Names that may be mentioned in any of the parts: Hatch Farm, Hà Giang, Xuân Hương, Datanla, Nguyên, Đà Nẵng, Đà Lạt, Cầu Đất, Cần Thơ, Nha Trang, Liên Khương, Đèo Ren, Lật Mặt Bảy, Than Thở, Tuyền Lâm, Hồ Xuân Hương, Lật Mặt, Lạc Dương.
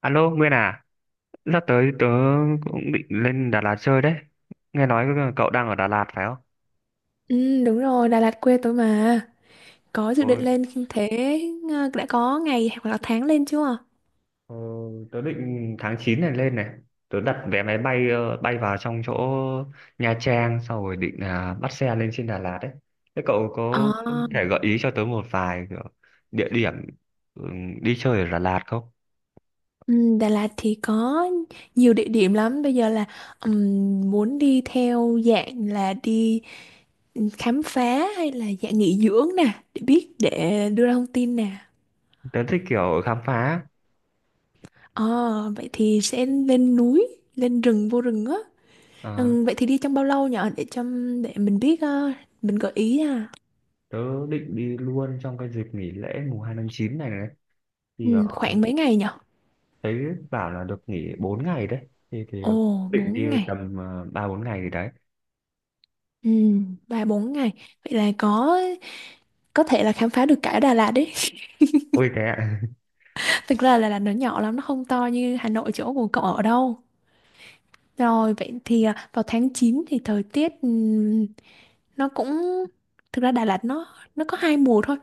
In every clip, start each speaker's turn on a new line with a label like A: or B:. A: Alo, Nguyên à, sắp tới tớ cũng định lên Đà Lạt chơi đấy. Nghe nói cậu đang ở Đà Lạt phải không?
B: Ừ, đúng rồi, Đà Lạt quê tôi mà. Có dự định
A: Ôi,
B: lên thế, đã có ngày hoặc là tháng lên chưa?
A: ờ, tớ định tháng 9 này lên này. Tớ đặt vé máy bay bay vào trong chỗ Nha Trang sau rồi định là bắt xe lên trên Đà Lạt đấy. Thế cậu có
B: À,
A: thể gợi ý cho tớ một vài kiểu địa điểm ừ, đi chơi ở Đà Lạt không?
B: ừ, Đà Lạt thì có nhiều địa điểm lắm. Bây giờ là, muốn đi theo dạng là đi khám phá hay là dạng nghỉ dưỡng nè, để biết để đưa ra thông tin nè.
A: Tớ thích kiểu khám phá.
B: Ờ, vậy thì sẽ lên núi, lên rừng vô rừng á.
A: Ờ,
B: Ừ, vậy thì đi trong bao lâu nhở, để cho để mình biết, mình gợi ý à.
A: Tớ định đi luôn trong cái dịp nghỉ lễ mùng 2 tháng 9 này này.
B: Ừ, khoảng mấy ngày nhỉ?
A: Thấy bảo là được nghỉ 4 ngày đấy thì
B: Ồ,
A: định đi
B: 4 ngày.
A: tầm 3 4 ngày gì đấy.
B: Ừ, 3 4 ngày. Vậy là có thể là khám phá được cả Đà Lạt đấy.
A: Ôi thế ạ.
B: Thực ra là Đà Lạt nó nhỏ lắm, nó không to như Hà Nội chỗ của cậu ở đâu. Rồi, vậy thì vào tháng 9 thì thời tiết, nó cũng, thực ra Đà Lạt nó có hai mùa thôi,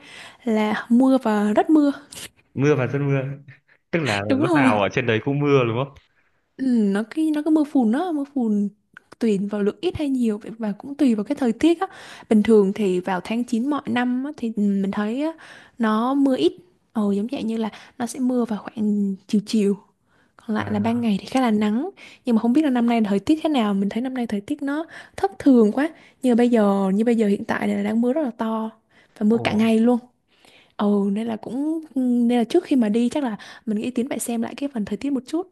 B: là mưa và rất mưa.
A: Mưa và rất mưa, tức là
B: Đúng
A: lúc
B: rồi.
A: nào ở trên đấy cũng mưa đúng không?
B: Ừ, nó cái nó có mưa phùn đó, mưa phùn tùy vào lượng ít hay nhiều vậy, và cũng tùy vào cái thời tiết á. Bình thường thì vào tháng 9 mọi năm á, thì mình thấy á, nó mưa ít, giống vậy, như là nó sẽ mưa vào khoảng chiều chiều, còn lại là ban
A: À.
B: ngày thì khá là nắng. Nhưng mà không biết là năm nay thời tiết thế nào, mình thấy năm nay thời tiết nó thất thường quá. Như bây giờ hiện tại này là đang mưa rất là to và mưa
A: Ồ.
B: cả ngày luôn. Nên là cũng nên là, trước khi mà đi chắc là mình nghĩ Tiến phải xem lại cái phần thời tiết một chút.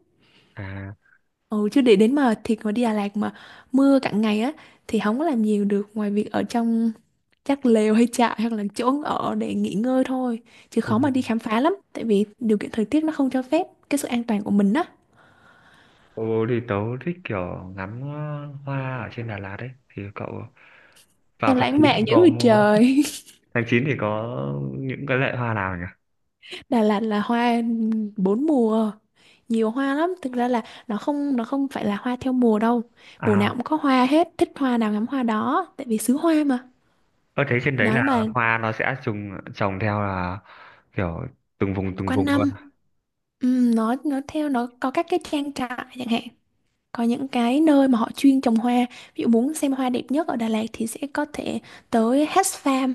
A: À.
B: Ừ, chứ để đến mà thiệt mà đi Đà Lạt mà mưa cả ngày á, thì không có làm nhiều được, ngoài việc ở trong chắc lều hay trại, hoặc là chỗ ở để nghỉ ngơi thôi, chứ
A: ồ,
B: khó mà đi khám phá lắm, tại vì điều kiện thời tiết nó không cho phép cái sự an toàn của mình á.
A: ồ, thì tớ thích kiểu ngắm hoa ở trên Đà Lạt đấy thì cậu vào
B: Em
A: tháng
B: lãng
A: 9
B: mạn
A: thì
B: dữ
A: có
B: vậy
A: mua.
B: trời.
A: tháng 9 thì có những cái loại hoa nào nhỉ?
B: Đà Lạt là hoa bốn mùa, nhiều hoa lắm, thực ra là nó không phải là hoa theo mùa đâu. Mùa nào
A: À,
B: cũng có hoa hết, thích hoa nào ngắm hoa đó, tại vì xứ hoa mà,
A: có thấy trên đấy là
B: nói mà,
A: hoa nó sẽ trùng trồng theo là kiểu từng
B: quanh
A: vùng luôn.
B: năm. Ừ, nó theo, nó có các cái trang trại chẳng hạn. Có những cái nơi mà họ chuyên trồng hoa, ví dụ muốn xem hoa đẹp nhất ở Đà Lạt thì sẽ có thể tới Hatch Farm.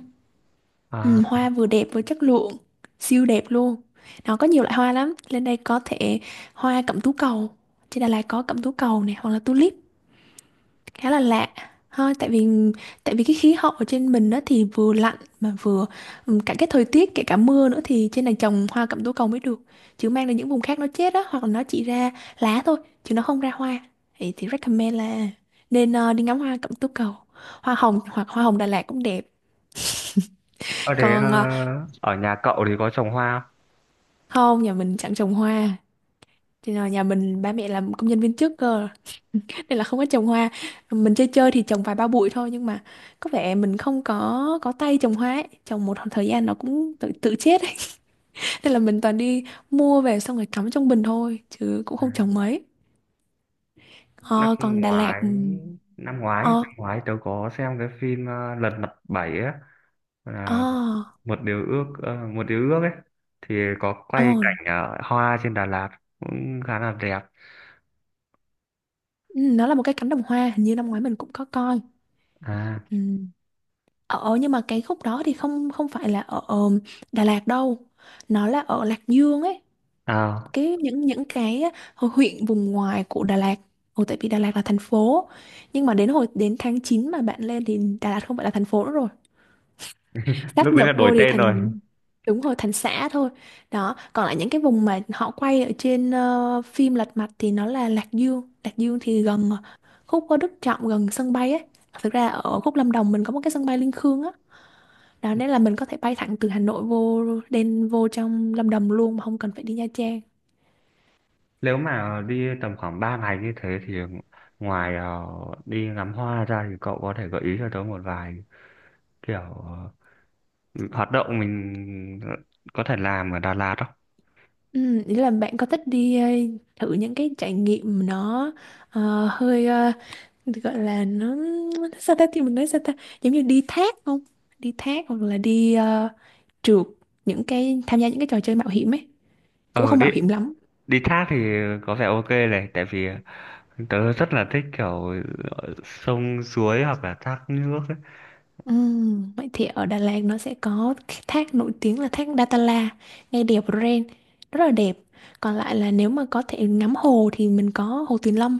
A: À,
B: Ừ, hoa vừa đẹp vừa chất lượng, siêu đẹp luôn. Nó có nhiều loại hoa lắm, lên đây có thể hoa cẩm tú cầu. Trên Đà Lạt có cẩm tú cầu này, hoặc là tulip khá là lạ thôi. Tại vì cái khí hậu ở trên mình đó thì vừa lạnh mà vừa, cả cái thời tiết, kể cả mưa nữa, thì trên này trồng hoa cẩm tố cầu mới được, chứ mang đến những vùng khác nó chết đó, hoặc là nó chỉ ra lá thôi chứ nó không ra hoa. Thì recommend là nên, đi ngắm hoa cẩm tố cầu, hoa hồng, hoặc hoa hồng Đà Lạt cũng đẹp.
A: Ở thế ờ,
B: Còn,
A: ở nhà cậu thì có trồng hoa không?
B: không, nhà mình chẳng trồng hoa, thì là nhà mình ba mẹ làm công nhân viên chức cơ, nên là không có trồng hoa. Mình chơi chơi thì trồng vài ba bụi thôi, nhưng mà có vẻ mình không có tay trồng hoa ấy, trồng một thời gian nó cũng tự tự chết ấy. Nên là mình toàn đi mua về, xong rồi cắm trong bình thôi, chứ cũng không trồng mấy.
A: Năm
B: Ờ, Còn Đà Lạt,
A: ngoái, năm ngoái, năm
B: ờ,
A: ngoái tớ có xem cái phim Lật Mặt 7 á, là
B: ờ,
A: một điều ước, một điều ước ấy, thì có
B: ờ,
A: quay cảnh hoa trên Đà Lạt cũng khá là đẹp.
B: ừ, nó là một cái cánh đồng hoa, hình như năm ngoái mình cũng có coi.
A: À,
B: Ừ. Ờ, ờ, nhưng mà cái khúc đó thì không không phải là ở, Đà Lạt đâu, nó là ở Lạc Dương ấy.
A: à,
B: Cái, những cái hồi huyện vùng ngoài của Đà Lạt. Ồ, tại vì Đà Lạt là thành phố, nhưng mà đến hồi đến tháng 9 mà bạn lên, thì Đà Lạt không phải là thành phố nữa rồi, sáp
A: lúc đấy là
B: nhập
A: đổi
B: vô thì
A: tên rồi.
B: thành, đúng rồi, thành xã thôi. Đó, còn lại những cái vùng mà họ quay ở trên, phim Lật Mặt thì nó là Lạc Dương. Lạc Dương thì gần, khúc có Đức Trọng gần sân bay ấy. Thực ra ở khúc Lâm Đồng mình có một cái sân bay Liên Khương á, đó nên là mình có thể bay thẳng từ Hà Nội vô, đen vô trong Lâm Đồng luôn mà không cần phải đi Nha Trang.
A: Nếu mà đi tầm khoảng 3 ngày như thế thì ngoài đi ngắm hoa ra thì cậu có thể gợi ý cho tớ một vài kiểu hoạt động mình có thể làm ở Đà Lạt không?
B: Ừ, ý là bạn có thích đi, thử những cái trải nghiệm nó, hơi, gọi là nó sao ta, thì mình nói sao ta, giống như đi thác không? Đi thác hoặc là đi, trượt những cái, tham gia những cái trò chơi mạo hiểm ấy, cũng
A: Ờ
B: không
A: đi
B: mạo hiểm lắm.
A: đi thác thì có vẻ ok này tại vì tớ rất là thích kiểu sông suối hoặc là thác nước
B: Vậy thì ở Đà Lạt nó sẽ có cái thác nổi tiếng là thác Datanla ngay đèo Ren, rất là đẹp. Còn lại là nếu mà có thể ngắm hồ thì mình có hồ Tuyền Lâm,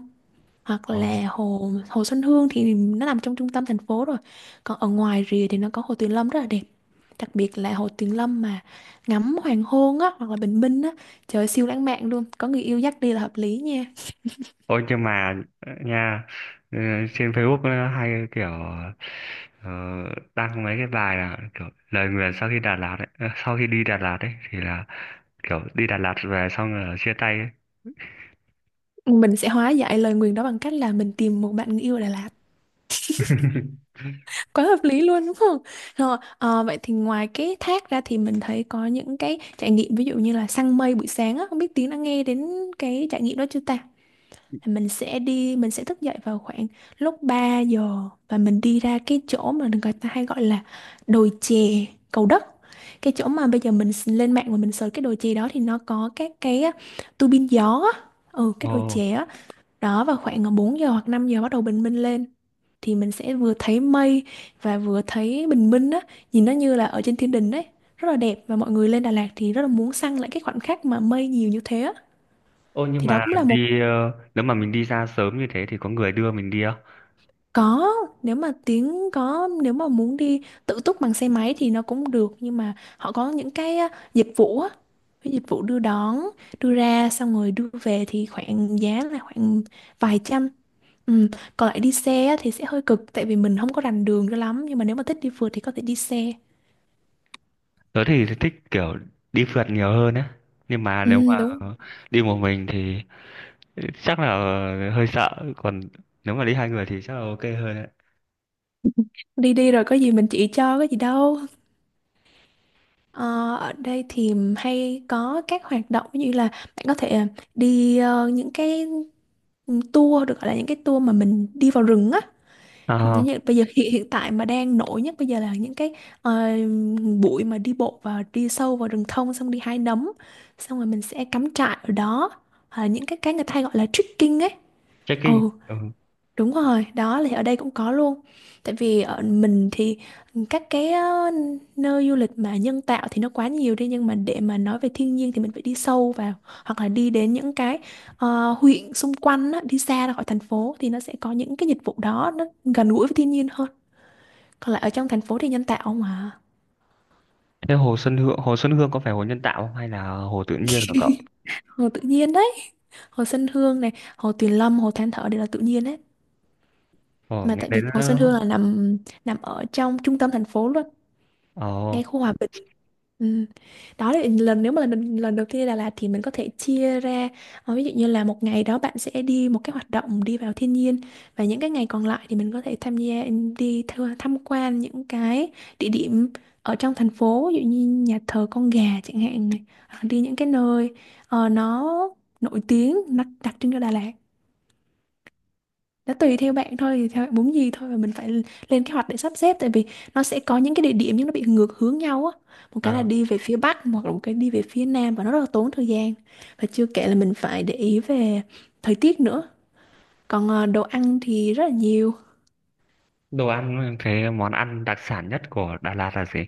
B: hoặc
A: ấy.
B: là hồ hồ Xuân Hương thì nó nằm trong trung tâm thành phố rồi. Còn ở ngoài rìa thì nó có hồ Tuyền Lâm rất là đẹp, đặc biệt là hồ Tuyền Lâm mà ngắm hoàng hôn á, hoặc là bình minh á, trời ơi, siêu lãng mạn luôn, có người yêu dắt đi là hợp lý nha.
A: Ôi nhưng mà nha, ừ, trên Facebook nó hay kiểu ờ, đăng mấy cái bài là kiểu lời nguyền sau khi Đà Lạt ấy, sau khi đi Đà Lạt ấy thì là kiểu đi Đà Lạt về xong rồi chia tay ấy.
B: Mình sẽ hóa giải lời nguyền đó bằng cách là mình tìm một bạn người yêu ở Đà Lạt, quá hợp lý luôn đúng không? Rồi, vậy thì ngoài cái thác ra thì mình thấy có những cái trải nghiệm, ví dụ như là săn mây buổi sáng á, không biết Tiến đã nghe đến cái trải nghiệm đó chưa ta. Là mình sẽ đi, mình sẽ thức dậy vào khoảng lúc 3 giờ, và mình đi ra cái chỗ mà người ta hay gọi là đồi chè Cầu Đất. Cái chỗ mà bây giờ mình lên mạng và mình search cái đồi chè đó, thì nó có các cái á, tua bin gió á. Ừ, cái đồi
A: Ồ,
B: chè á. Đó, vào khoảng, 4 giờ hoặc 5 giờ bắt đầu bình minh lên, thì mình sẽ vừa thấy mây và vừa thấy bình minh á, nhìn nó như là ở trên thiên đình đấy, rất là đẹp, và mọi người lên Đà Lạt thì rất là muốn săn lại cái khoảnh khắc mà mây nhiều như thế á.
A: ô nhưng
B: Thì đó
A: mà
B: cũng là một.
A: đi ờ, nếu mà mình đi ra sớm như thế thì có người đưa mình đi không?
B: Có, nếu mà tiếng có, nếu mà muốn đi tự túc bằng xe máy thì nó cũng được, nhưng mà họ có những cái á, dịch vụ á, cái dịch vụ đưa đón, đưa ra xong rồi đưa về, thì khoảng giá là khoảng vài trăm. Ừ. Còn lại đi xe á thì sẽ hơi cực, tại vì mình không có rành đường cho lắm, nhưng mà nếu mà thích đi phượt thì có thể đi xe.
A: Tớ thì thích kiểu đi phượt nhiều hơn á. Nhưng mà nếu mà
B: Ừ, đúng.
A: đi một mình thì chắc là hơi sợ, còn nếu mà đi hai người thì chắc là ok hơn
B: Đi đi rồi có gì mình chỉ cho, có gì đâu. Ờ, ở đây thì hay có các hoạt động như là, bạn có thể, đi, những cái tour, được gọi là những cái tour mà mình đi vào rừng á.
A: đấy.
B: Như bây giờ, hiện hiện tại mà đang nổi nhất bây giờ là những cái, ờ, buổi mà đi bộ và đi sâu vào rừng thông, xong đi hái nấm, xong rồi mình sẽ cắm trại ở đó. Hoặc là những cái người ta hay gọi là trekking ấy. Ừ.
A: Trekking. Ừ.
B: Đúng rồi, đó thì ở đây cũng có luôn. Tại vì ở mình thì các cái, nơi du lịch mà nhân tạo thì nó quá nhiều đi, nhưng mà để mà nói về thiên nhiên thì mình phải đi sâu vào, hoặc là đi đến những cái, huyện xung quanh á, đi xa ra khỏi thành phố, thì nó sẽ có những cái dịch vụ đó, nó gần gũi với thiên nhiên hơn. Còn lại ở trong thành phố thì nhân tạo mà.
A: Thế hồ Xuân Hương có phải hồ nhân tạo không hay là hồ tự nhiên của cậu?
B: Hồ tự nhiên đấy, hồ Xuân Hương này, hồ Tuyền Lâm, hồ Than Thở đều là tự nhiên đấy.
A: Ồ,
B: Mà
A: nghe
B: tại
A: đến
B: vì hồ Xuân
A: nó-
B: Hương là nằm nằm ở trong trung tâm thành phố luôn,
A: Ồ,
B: ngay khu hòa bình. Ừ. Đó là nếu mà lần lần đầu tiên đi Đà Lạt thì mình có thể chia ra, ví dụ như là một ngày đó bạn sẽ đi một cái hoạt động đi vào thiên nhiên, và những cái ngày còn lại thì mình có thể tham gia, đi tham quan những cái địa điểm ở trong thành phố, ví dụ như nhà thờ con gà chẳng hạn này. Hoặc đi những cái nơi nó nổi tiếng, nó đặc trưng cho Đà Lạt. Nó tùy theo bạn thôi, thì theo bạn muốn gì thôi, và mình phải lên kế hoạch để sắp xếp, tại vì nó sẽ có những cái địa điểm nhưng nó bị ngược hướng nhau á. Một cái là
A: à,
B: đi về phía bắc hoặc là một cái đi về phía nam và nó rất là tốn thời gian. Và chưa kể là mình phải để ý về thời tiết nữa. Còn đồ ăn thì rất là nhiều.
A: đồ ăn, cái món ăn đặc sản nhất của Đà Lạt là gì?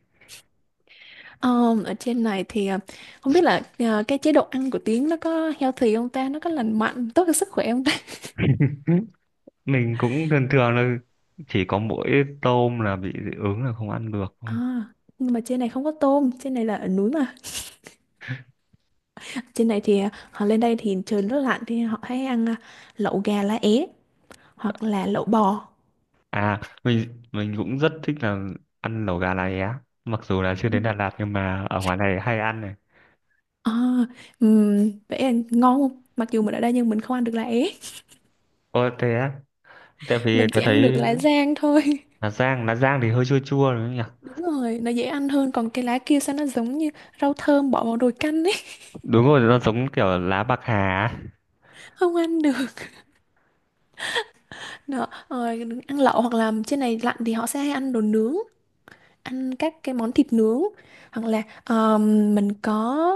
B: Ờ, Ở trên này thì không biết là cái chế độ ăn của Tiến nó có healthy không ta, nó có lành mạnh tốt cho sức khỏe không ta.
A: Ừ, mình cũng thường thường là chỉ có mỗi tôm là bị dị ứng là không ăn được thôi.
B: À, nhưng mà trên này không có tôm, trên này là ở núi mà. Trên này thì à, họ lên đây thì trời rất lạnh thì họ hay ăn à, lẩu gà lá é hoặc là lẩu bò.
A: À, mình cũng rất thích là ăn lẩu gà lá é. Mặc dù là chưa
B: Ừ.
A: đến Đà Lạt nhưng mà ở ngoài này hay ăn này.
B: À, vậy là ngon không? Mặc dù mình ở đây nhưng mình không ăn được lá é,
A: Ồ thế á, tại vì
B: mình chỉ
A: tôi thấy
B: ăn được lá rang thôi.
A: Hà Giang thì hơi chua chua đúng không nhỉ?
B: Đúng rồi, nó dễ ăn hơn, còn cái lá kia sao nó giống như rau thơm bỏ vào nồi canh ấy.
A: Đúng rồi, nó giống kiểu lá bạc hà á.
B: Không ăn được. Đó, rồi ăn lẩu hoặc là trên này lạnh thì họ sẽ hay ăn đồ nướng, ăn các cái món thịt nướng, hoặc là mình có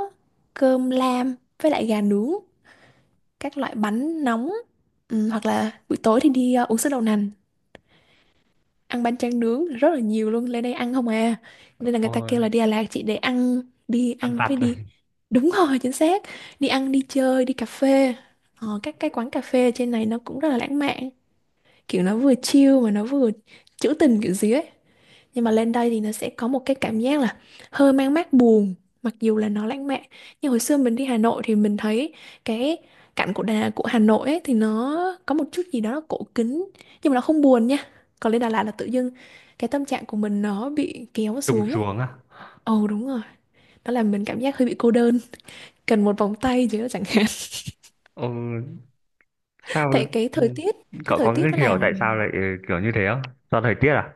B: cơm lam với lại gà nướng, các loại bánh nóng, ừ, hoặc là buổi tối thì đi, uống sữa đậu nành, ăn bánh tráng nướng rất là nhiều luôn, lên đây ăn không à, nên là người ta kêu là
A: Ôi,
B: đi Đà Lạt chỉ để ăn, đi
A: ăn
B: ăn
A: vặt
B: với
A: rồi,
B: đi. Đúng rồi, chính xác, đi ăn đi chơi đi cà phê. Các cái quán cà phê trên này nó cũng rất là lãng mạn, kiểu nó vừa chill mà nó vừa trữ tình kiểu gì ấy. Nhưng mà lên đây thì nó sẽ có một cái cảm giác là hơi mang mát buồn, mặc dù là nó lãng mạn. Nhưng hồi xưa mình đi Hà Nội thì mình thấy cái cảnh của Hà Nội ấy, thì nó có một chút gì đó nó cổ kính, nhưng mà nó không buồn nha. Còn lên Đà Lạt là tự dưng cái tâm trạng của mình nó bị kéo
A: trùng
B: xuống ấy.
A: xuống á.
B: Ồ, đúng rồi, nó làm mình cảm giác hơi bị cô đơn, cần một vòng tay chứ chẳng hạn.
A: Ừ, sao
B: Tại cái
A: ừ,
B: thời tiết, cái
A: cậu
B: thời
A: có cái
B: tiết nó
A: hiểu
B: làm.
A: tại sao lại kiểu như thế không? Do thời tiết à?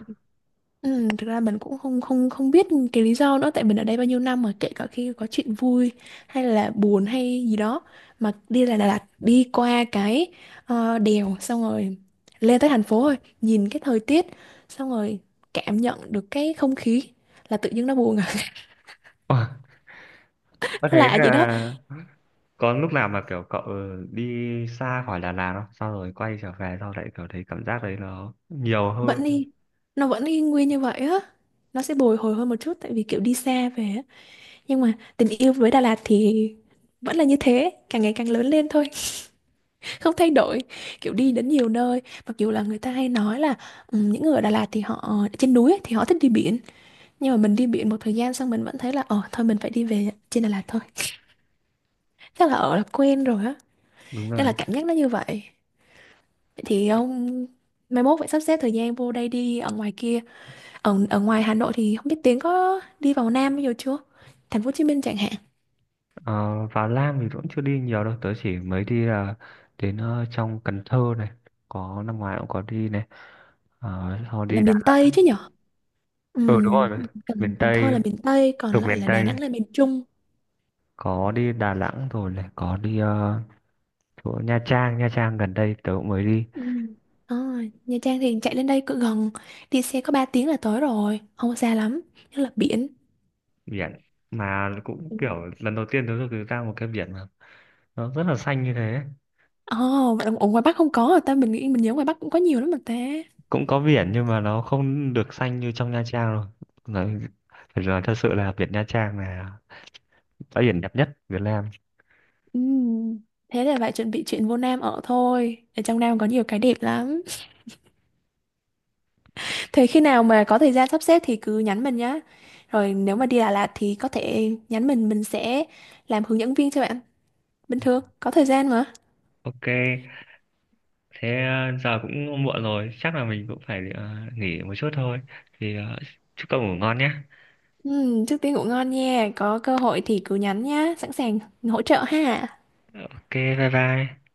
B: Ừ, thực ra mình cũng không không không biết cái lý do nữa, tại mình ở đây bao nhiêu năm mà kể cả khi có chuyện vui hay là buồn hay gì đó, mà đi là Đà Lạt đi qua cái đèo xong rồi lên tới thành phố rồi nhìn cái thời tiết xong rồi cảm nhận được cái không khí là tự nhiên nó buồn à.
A: Ôi, có
B: Nó
A: thế
B: lạ vậy đó.
A: là có lúc nào mà kiểu cậu đi xa khỏi Đà Lạt không? Sau rồi quay trở về sau lại kiểu thấy cảm giác đấy nó nhiều hơn.
B: Vẫn đi, nó vẫn y nguyên như vậy á, nó sẽ bồi hồi hơn một chút tại vì kiểu đi xa về á. Nhưng mà tình yêu với Đà Lạt thì vẫn là như thế, càng ngày càng lớn lên thôi, không thay đổi. Kiểu đi đến nhiều nơi, mặc dù là người ta hay nói là, ừ, những người ở Đà Lạt thì họ trên núi ấy, thì họ thích đi biển, nhưng mà mình đi biển một thời gian xong mình vẫn thấy là thôi mình phải đi về trên Đà Lạt thôi, chắc là ở là quen rồi á,
A: Đúng
B: nên là
A: rồi.
B: cảm giác nó như vậy. Vậy thì ông mai mốt phải sắp xếp thời gian vô đây đi, ở ngoài kia, ở ở ngoài Hà Nội thì không biết Tiến có đi vào Nam bao giờ chưa, thành phố Hồ Chí Minh chẳng hạn.
A: Ờ, Vào Lam thì cũng chưa đi nhiều đâu, tớ chỉ mới đi là đến trong Cần Thơ này, có năm ngoái cũng có đi này. Ờ, sau
B: Là
A: đi đà.
B: miền Tây chứ nhở.
A: Ừ, đúng
B: Ừm,
A: rồi,
B: Cần
A: miền
B: Cần Thơ
A: Tây
B: là miền Tây, còn
A: thuộc
B: lại
A: miền
B: là Đà
A: Tây,
B: Nẵng là miền Trung.
A: có đi Đà Nẵng rồi này, có đi chỗ Nha Trang gần đây tớ cũng mới đi.
B: Ừ. À, Nha Trang thì chạy lên đây cứ gần, đi xe có 3 tiếng là tới rồi, không có xa lắm, nhất là biển.
A: Biển mà cũng
B: Ừ.
A: kiểu lần đầu tiên tớ được ra một cái biển mà nó rất là xanh như thế.
B: Ồ, vậy là ở ngoài Bắc không có rồi ta, mình nghĩ mình nhớ ngoài Bắc cũng có nhiều lắm mà ta.
A: Cũng có biển nhưng mà nó không được xanh như trong Nha Trang rồi. nói, Phải nói thật sự là biển Nha Trang là bãi biển đẹp nhất Việt Nam.
B: Ừ. Thế là phải chuẩn bị chuyện vô Nam ở thôi, ở trong Nam có nhiều cái đẹp lắm. Thế khi nào mà có thời gian sắp xếp thì cứ nhắn mình nhá, rồi nếu mà đi Đà Lạt thì có thể nhắn mình sẽ làm hướng dẫn viên cho bạn, bình thường có thời gian mà.
A: Ok, thế giờ cũng muộn rồi, chắc là mình cũng phải nghỉ một chút thôi. Thì chúc cậu ngủ ngon nhé.
B: Ừ, trước tiên ngủ ngon nha, có cơ hội thì cứ nhắn nhá, sẵn sàng hỗ trợ ha.
A: Ok, bye bye.